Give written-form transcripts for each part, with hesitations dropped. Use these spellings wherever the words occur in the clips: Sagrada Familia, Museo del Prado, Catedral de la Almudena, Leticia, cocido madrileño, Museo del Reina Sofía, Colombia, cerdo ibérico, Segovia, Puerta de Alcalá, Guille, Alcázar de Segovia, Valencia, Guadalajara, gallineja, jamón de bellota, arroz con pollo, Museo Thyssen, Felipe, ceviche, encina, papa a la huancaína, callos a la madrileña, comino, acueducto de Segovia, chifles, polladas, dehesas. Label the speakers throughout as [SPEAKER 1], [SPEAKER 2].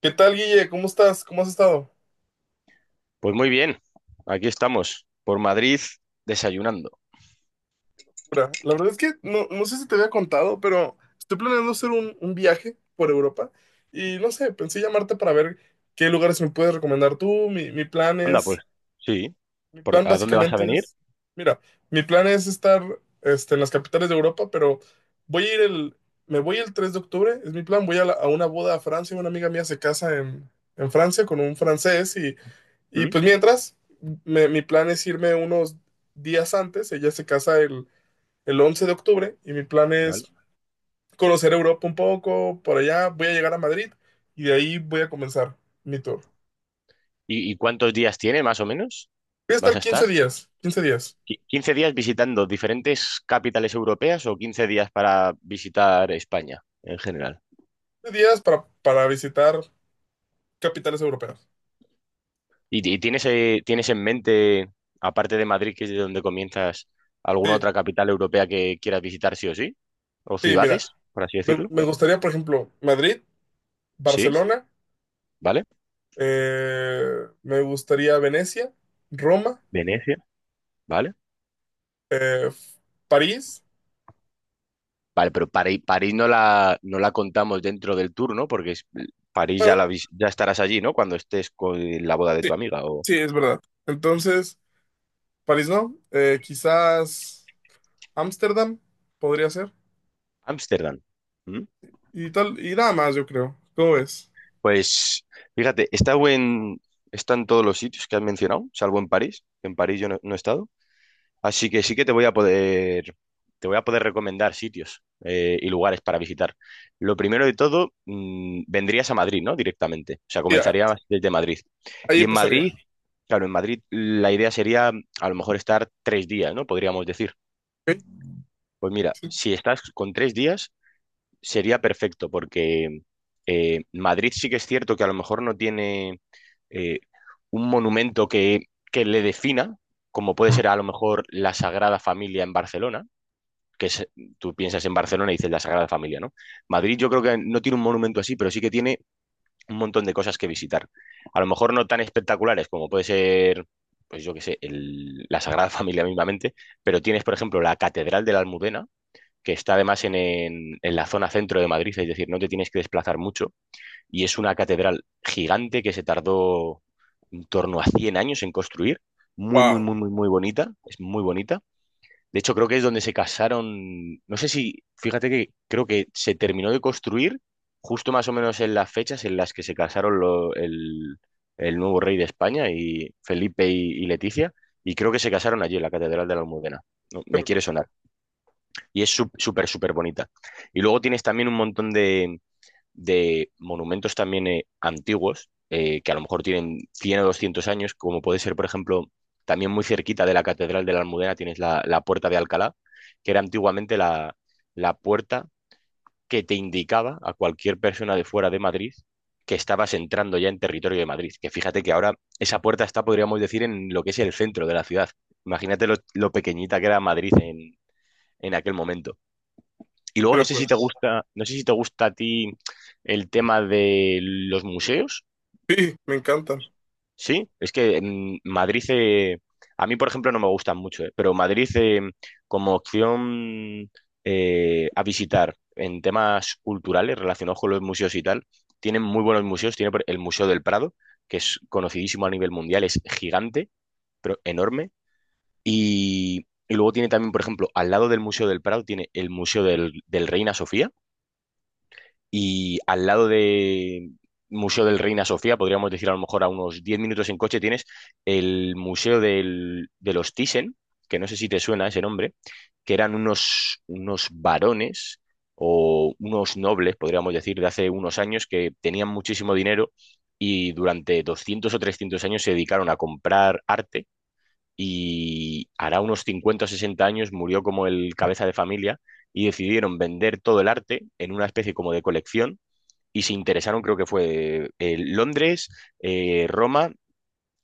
[SPEAKER 1] ¿Qué tal, Guille? ¿Cómo estás? ¿Cómo has estado?
[SPEAKER 2] Pues muy bien, aquí estamos, por Madrid, desayunando.
[SPEAKER 1] Mira, la verdad es que no sé si te había contado, pero estoy planeando hacer un viaje por Europa y no sé, pensé llamarte para ver qué lugares me puedes recomendar tú. Mi plan
[SPEAKER 2] Anda,
[SPEAKER 1] es,
[SPEAKER 2] pues, sí.
[SPEAKER 1] mi plan
[SPEAKER 2] ¿A dónde vas a
[SPEAKER 1] básicamente
[SPEAKER 2] venir?
[SPEAKER 1] es, mira, mi plan es estar este, en las capitales de Europa, pero voy a ir el, me voy el 3 de octubre, es mi plan, voy a, a una boda a Francia, una amiga mía se casa en Francia con un francés y
[SPEAKER 2] ¿Mm?
[SPEAKER 1] pues mientras, mi plan es irme unos días antes. Ella se casa el 11 de octubre y mi plan
[SPEAKER 2] Vale.
[SPEAKER 1] es conocer Europa un poco. Por allá voy a llegar a Madrid y de ahí voy a comenzar mi tour.
[SPEAKER 2] ¿Y, cuántos días tiene, más o menos?
[SPEAKER 1] Voy a
[SPEAKER 2] ¿Vas
[SPEAKER 1] estar
[SPEAKER 2] a
[SPEAKER 1] quince
[SPEAKER 2] estar?
[SPEAKER 1] días, 15 días.
[SPEAKER 2] ¿15 días visitando diferentes capitales europeas o 15 días para visitar España en general?
[SPEAKER 1] Quince días para visitar capitales europeas.
[SPEAKER 2] ¿Y, tienes, tienes en mente, aparte de Madrid, que es de donde comienzas, alguna
[SPEAKER 1] Sí,
[SPEAKER 2] otra capital europea que quieras visitar sí o sí? ¿O
[SPEAKER 1] sí, mira.
[SPEAKER 2] ciudades, por así
[SPEAKER 1] Me,
[SPEAKER 2] decirlo?
[SPEAKER 1] me gustaría, por ejemplo, Madrid,
[SPEAKER 2] Sí,
[SPEAKER 1] Barcelona,
[SPEAKER 2] ¿vale?
[SPEAKER 1] me gustaría Venecia, Roma,
[SPEAKER 2] Venecia, ¿vale?
[SPEAKER 1] eh, París.
[SPEAKER 2] Vale, pero París, París no la contamos dentro del tour, ¿no? París ya,
[SPEAKER 1] Bueno,
[SPEAKER 2] ya estarás allí, ¿no? Cuando estés con la boda de
[SPEAKER 1] sí,
[SPEAKER 2] tu amiga o
[SPEAKER 1] sí, es verdad. Entonces, París no, quizás Ámsterdam podría ser.
[SPEAKER 2] Ámsterdam. ¿Mm?
[SPEAKER 1] Y tal, y nada más, yo creo. ¿Cómo ves?
[SPEAKER 2] Pues fíjate, está en todos los sitios que has mencionado, salvo en París. En París yo no he estado. Así que sí que te voy a poder recomendar sitios y lugares para visitar. Lo primero de todo, vendrías a Madrid, ¿no? Directamente. O sea,
[SPEAKER 1] Y
[SPEAKER 2] comenzarías desde Madrid.
[SPEAKER 1] ahí
[SPEAKER 2] Y en
[SPEAKER 1] empezaría.
[SPEAKER 2] Madrid, claro, en Madrid la idea sería a lo mejor estar tres días, ¿no? Podríamos decir.
[SPEAKER 1] ¿OK?
[SPEAKER 2] Pues mira,
[SPEAKER 1] Sí.
[SPEAKER 2] si estás con tres días, sería perfecto, porque Madrid sí que es cierto que a lo mejor no tiene eh, un monumento que le defina, como puede ser a lo mejor la Sagrada Familia en Barcelona que es- tú piensas en Barcelona y dices la Sagrada Familia, ¿no? Madrid yo creo que no tiene un monumento así, pero sí que tiene un montón de cosas que visitar. A lo mejor no tan espectaculares como puede ser, pues yo qué sé, la Sagrada Familia mismamente, pero tienes, por ejemplo, la Catedral de la Almudena, que está además en la zona centro de Madrid, es decir, no te tienes que desplazar mucho, y es una catedral gigante que se tardó en torno a 100 años en construir, muy, muy,
[SPEAKER 1] Wow,
[SPEAKER 2] muy, muy, muy bonita, es muy bonita de hecho, creo que es donde se casaron. No sé si, fíjate que creo que se terminó de construir justo más o menos en las fechas en las que se casaron el nuevo rey de España y Felipe y Leticia. Y creo que se casaron allí en la Catedral de la Almudena. No,
[SPEAKER 1] qué
[SPEAKER 2] me quiere
[SPEAKER 1] locura,
[SPEAKER 2] sonar. Y es súper, súper bonita. Y luego tienes también un montón de monumentos también antiguos, que a lo mejor tienen 100 o 200 años, como puede ser, por ejemplo, también muy cerquita de la Catedral de la Almudena tienes la Puerta de Alcalá, que era antiguamente la puerta que te indicaba a cualquier persona de fuera de Madrid que estabas entrando ya en territorio de Madrid. Que fíjate que ahora esa puerta está, podríamos decir, en lo que es el centro de la ciudad. Imagínate lo pequeñita que era Madrid en aquel momento. Y
[SPEAKER 1] qué
[SPEAKER 2] luego no sé si
[SPEAKER 1] locura.
[SPEAKER 2] te gusta, no sé si te gusta a ti el tema de los museos,
[SPEAKER 1] Sí, me encantan.
[SPEAKER 2] ¿sí? Es que en Madrid, a mí por ejemplo no me gustan mucho, pero Madrid como opción a visitar en temas culturales relacionados con los museos y tal, tienen muy buenos museos, el Museo del Prado, que es conocidísimo a nivel mundial, es gigante, pero enorme, y luego tiene también, por ejemplo, al lado del Museo del Prado tiene el Museo del Reina Sofía y al lado de Museo del Reina Sofía, podríamos decir a lo mejor a unos 10 minutos en coche, tienes de los Thyssen, que no sé si te suena ese nombre, que eran unos varones o unos nobles, podríamos decir, de hace unos años que tenían muchísimo dinero y durante 200 o 300 años se dedicaron a comprar arte. Y hará unos 50 o 60 años murió como el cabeza de familia y decidieron vender todo el arte en una especie como de colección y se interesaron, creo que fue Londres, Roma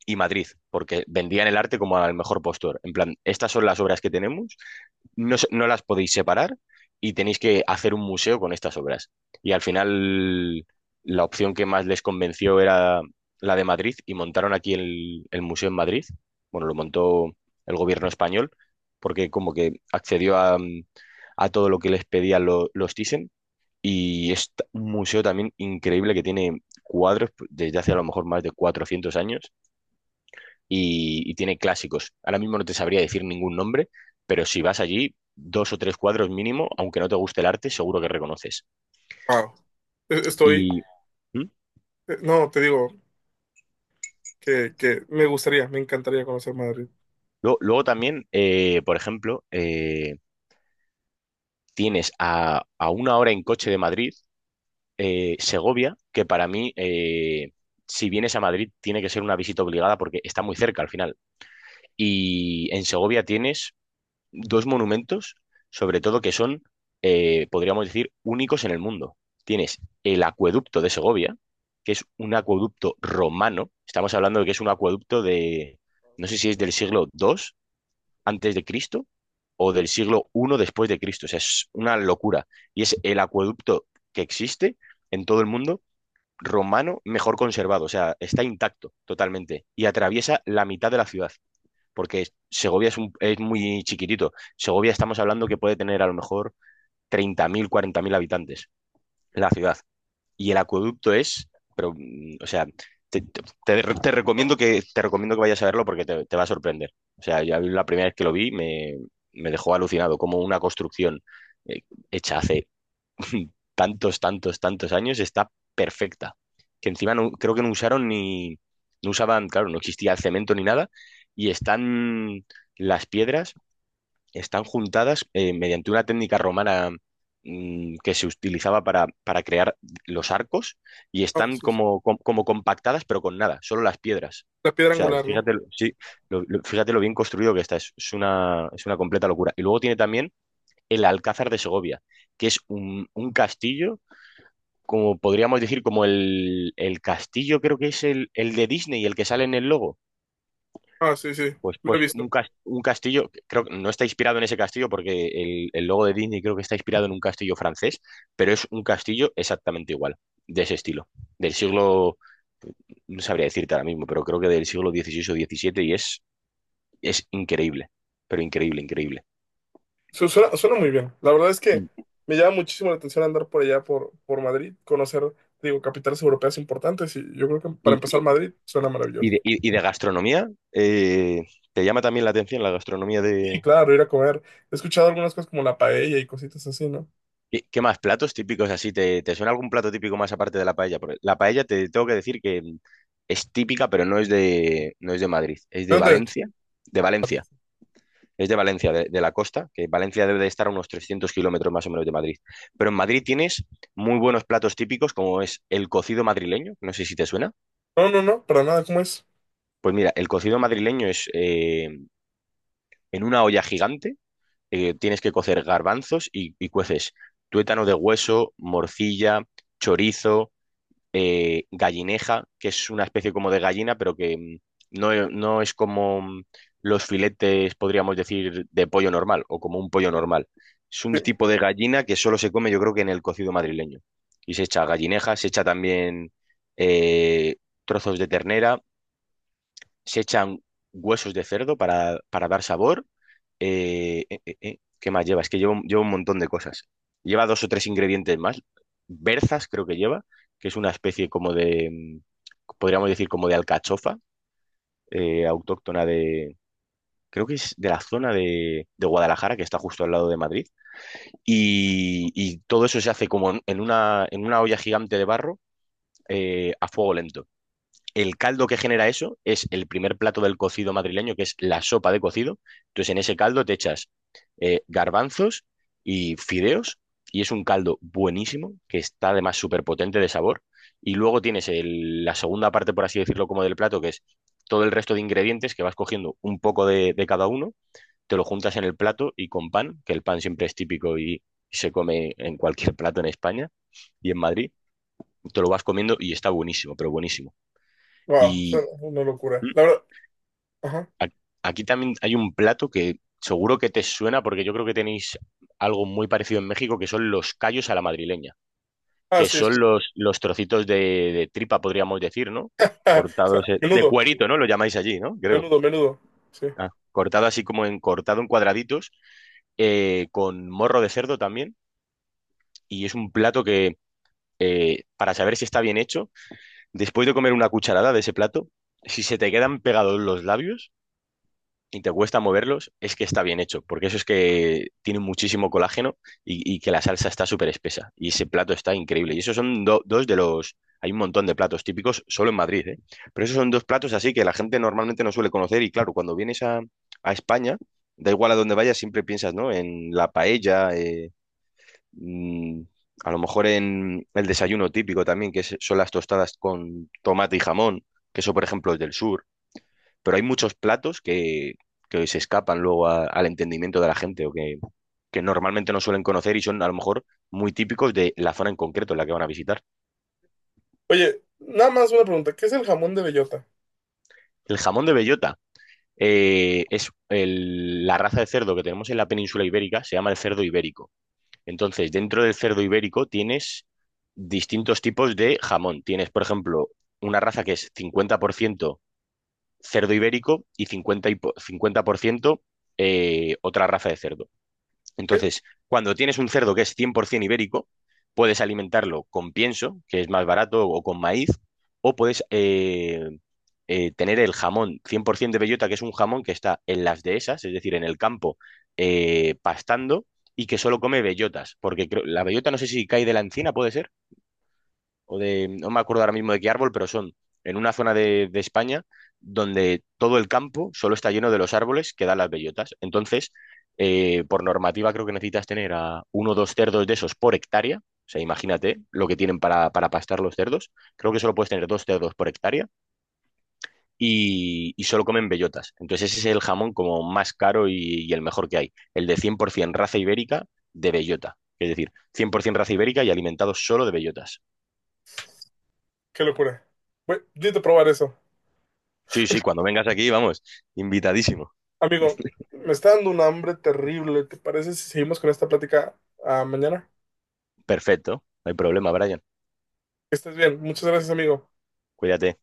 [SPEAKER 2] y Madrid, porque vendían el arte como al mejor postor. En plan, estas son las obras que tenemos, no, no las podéis separar y tenéis que hacer un museo con estas obras. Y al final, la opción que más les convenció era la de Madrid y montaron aquí el museo en Madrid. Bueno, lo montó el gobierno español porque como que accedió a, a todo lo que les pedían los Thyssen y es un museo también increíble que tiene cuadros pues, desde hace a lo mejor más de 400 años y tiene clásicos. Ahora mismo no te sabría decir ningún nombre, pero si vas allí, dos o tres cuadros mínimo, aunque no te guste el arte, seguro que reconoces.
[SPEAKER 1] Wow. E- Estoy,
[SPEAKER 2] Y ¿mm?
[SPEAKER 1] no, te digo que me gustaría, me encantaría conocer Madrid.
[SPEAKER 2] Luego también, por ejemplo, tienes a una hora en coche de Madrid, Segovia, que para mí... si vienes a Madrid, tiene que ser una visita obligada porque está muy cerca al final. Y en Segovia tienes dos monumentos, sobre todo que son, podríamos decir, únicos en el mundo. Tienes el acueducto de Segovia, que es un acueducto romano. Estamos hablando de que es un acueducto de, no sé si es del siglo II antes de Cristo o del siglo I después de Cristo. O sea, es una locura. Y es el acueducto que existe en todo el mundo romano mejor conservado. O sea, está intacto totalmente y atraviesa la mitad de la ciudad porque Segovia es, es muy chiquitito. Segovia estamos hablando que puede tener a lo mejor 30.000, 40.000 habitantes la ciudad. Y el acueducto es, pero, o sea, te recomiendo te recomiendo que vayas a verlo porque te va a sorprender. O sea, ya la primera vez que lo vi me dejó alucinado, como una construcción eh, hecha hace tantos, tantos, tantos años, está perfecta. Que encima no, creo que no usaron ni, no usaban, claro, no existía el cemento ni nada, y están las piedras, están juntadas mediante una técnica romana que se utilizaba para crear los arcos, y
[SPEAKER 1] Ah,
[SPEAKER 2] están
[SPEAKER 1] sí, sí.
[SPEAKER 2] como, compactadas, pero con nada, solo las piedras.
[SPEAKER 1] La
[SPEAKER 2] O
[SPEAKER 1] piedra
[SPEAKER 2] sea,
[SPEAKER 1] angular, ¿no?
[SPEAKER 2] fíjate, sí, fíjate lo bien construido que está, es una completa locura. Y luego tiene también el Alcázar de Segovia, que es un castillo como podríamos decir, como el castillo, creo que es el de Disney, el que sale en el logo.
[SPEAKER 1] Ah, sí, sí. Lo he visto.
[SPEAKER 2] Un castillo, creo que no está inspirado en ese castillo porque el logo de Disney creo que está inspirado en un castillo francés, pero es un castillo exactamente igual, de ese estilo, del siglo, no sabría decirte ahora mismo, pero creo que del siglo XVI o XVII y es increíble, pero increíble, increíble.
[SPEAKER 1] Suena muy bien. La verdad es que
[SPEAKER 2] Mm.
[SPEAKER 1] me llama muchísimo la atención andar por allá, por Madrid, conocer, digo, capitales europeas importantes. Y yo creo que para
[SPEAKER 2] Y,
[SPEAKER 1] empezar Madrid suena
[SPEAKER 2] y
[SPEAKER 1] maravilloso.
[SPEAKER 2] y de gastronomía, ¿te llama también la atención la gastronomía
[SPEAKER 1] Y
[SPEAKER 2] de,
[SPEAKER 1] claro, ir a comer. He escuchado algunas cosas como la paella y cositas así, ¿no?
[SPEAKER 2] ¿qué, qué más platos típicos así? ¿Te, te suena algún plato típico más aparte de la paella? Porque la paella te tengo que decir que es típica, pero no es de, no es de Madrid, es
[SPEAKER 1] ¿De
[SPEAKER 2] de
[SPEAKER 1] dónde es?
[SPEAKER 2] Valencia. De
[SPEAKER 1] Ah,
[SPEAKER 2] Valencia,
[SPEAKER 1] Valencia.
[SPEAKER 2] es de Valencia, de la costa, que Valencia debe de estar a unos 300 kilómetros más o menos de Madrid. Pero en Madrid tienes muy buenos platos típicos, como es el cocido madrileño, no sé si te suena.
[SPEAKER 1] No, no, no, para nada, ¿cómo es?
[SPEAKER 2] Pues mira, el cocido madrileño es en una olla gigante, tienes que cocer garbanzos y cueces tuétano de hueso, morcilla, chorizo gallineja, que es una especie como de gallina, pero que no, no es como los filetes, podríamos decir, de pollo normal o como un pollo normal. Es
[SPEAKER 1] Sí.
[SPEAKER 2] un tipo de gallina que solo se come, yo creo que en el cocido madrileño. Y se echa gallineja, se echa también eh, trozos de ternera, se echan huesos de cerdo para dar sabor. ¿Qué más lleva? Es que lleva, lleva un montón de cosas. Lleva dos o tres ingredientes más. Berzas creo que lleva, que es una especie como de, podríamos decir como de alcachofa, autóctona de, creo que es de la zona de Guadalajara, que está justo al lado de Madrid. Y todo eso se hace como en una, en una olla gigante de barro, a fuego lento. El caldo que genera eso es el primer plato del cocido madrileño, que es la sopa de cocido. Entonces, en ese caldo te echas garbanzos y fideos, y es un caldo buenísimo, que está además súper potente de sabor. Y luego tienes la segunda parte, por así decirlo, como del plato, que es todo el resto de ingredientes que vas cogiendo un poco de cada uno, te lo juntas en el plato y con pan, que el pan siempre es típico y se come en cualquier plato en España y en Madrid, te lo vas comiendo y está buenísimo, pero buenísimo.
[SPEAKER 1] Wow,
[SPEAKER 2] Y
[SPEAKER 1] suena una locura. La verdad, ajá.
[SPEAKER 2] a- Aquí también hay un plato que seguro que te suena porque yo creo que tenéis algo muy parecido en México que son los callos a la madrileña,
[SPEAKER 1] Ah,
[SPEAKER 2] que
[SPEAKER 1] sí, es.
[SPEAKER 2] son los trocitos de tripa, podríamos decir, ¿no?
[SPEAKER 1] O sea,
[SPEAKER 2] Cortados de
[SPEAKER 1] menudo,
[SPEAKER 2] cuerito, ¿no? Lo llamáis allí, ¿no? Creo.
[SPEAKER 1] menudo, menudo. Sí.
[SPEAKER 2] Ah, cortado así como en cortado en cuadraditos, con morro de cerdo también. Y es un plato que, para saber si está bien hecho, después de comer una cucharada de ese plato, si se te quedan pegados los labios, y te cuesta moverlos, es que está bien hecho, porque eso es que tiene muchísimo colágeno y que la salsa está súper espesa. Y ese plato está increíble. Y esos son dos de los... Hay un montón de platos típicos solo en Madrid, ¿eh? Pero esos son dos platos así que la gente normalmente no suele conocer y claro, cuando vienes a España, da igual a dónde vayas, siempre piensas, ¿no? En la paella, mm, a lo mejor en el desayuno típico también, son las tostadas con tomate y jamón, que eso, por ejemplo, es del sur pero hay muchos platos que se escapan luego al entendimiento de la gente o que normalmente no suelen conocer y son a lo mejor muy típicos de la zona en concreto en la que van a visitar.
[SPEAKER 1] Oye, nada más una pregunta. ¿Qué es el jamón de bellota?
[SPEAKER 2] El jamón de bellota es la raza de cerdo que tenemos en la península ibérica, se llama el cerdo ibérico. Entonces, dentro del cerdo ibérico tienes distintos tipos de jamón. Tienes, por ejemplo, una raza que es 50% cerdo ibérico y 50, 50% otra raza de cerdo.
[SPEAKER 1] ¿Sí?
[SPEAKER 2] Entonces, cuando tienes un cerdo que es 100% ibérico, puedes alimentarlo con pienso, que es más barato, o con maíz, o puedes tener el jamón 100% de bellota, que es un jamón que está en las dehesas, es decir, en el campo, pastando, y que solo come bellotas, porque creo- la bellota no sé si cae de la encina, ¿puede ser? O de, no me acuerdo ahora mismo de qué árbol, pero son en una zona de España donde todo el campo solo está lleno de los árboles que dan las bellotas. Entonces, por normativa creo que necesitas tener a uno o dos cerdos de esos por hectárea. O sea, imagínate lo que tienen para pastar los cerdos. Creo que solo puedes tener dos cerdos por hectárea y solo comen bellotas. Entonces ese es el jamón como más caro y el mejor que hay. El de 100% raza ibérica de bellota. Es decir, 100% raza ibérica y alimentado solo de bellotas.
[SPEAKER 1] Qué locura. Voy, necesito probar eso.
[SPEAKER 2] Sí, sí, cuando vengas aquí, vamos, invitadísimo.
[SPEAKER 1] Amigo, me está dando un hambre terrible. ¿Te parece si seguimos con esta plática mañana?
[SPEAKER 2] Perfecto, no hay problema, Brian.
[SPEAKER 1] Que estés bien. Muchas gracias, amigo.
[SPEAKER 2] Cuídate.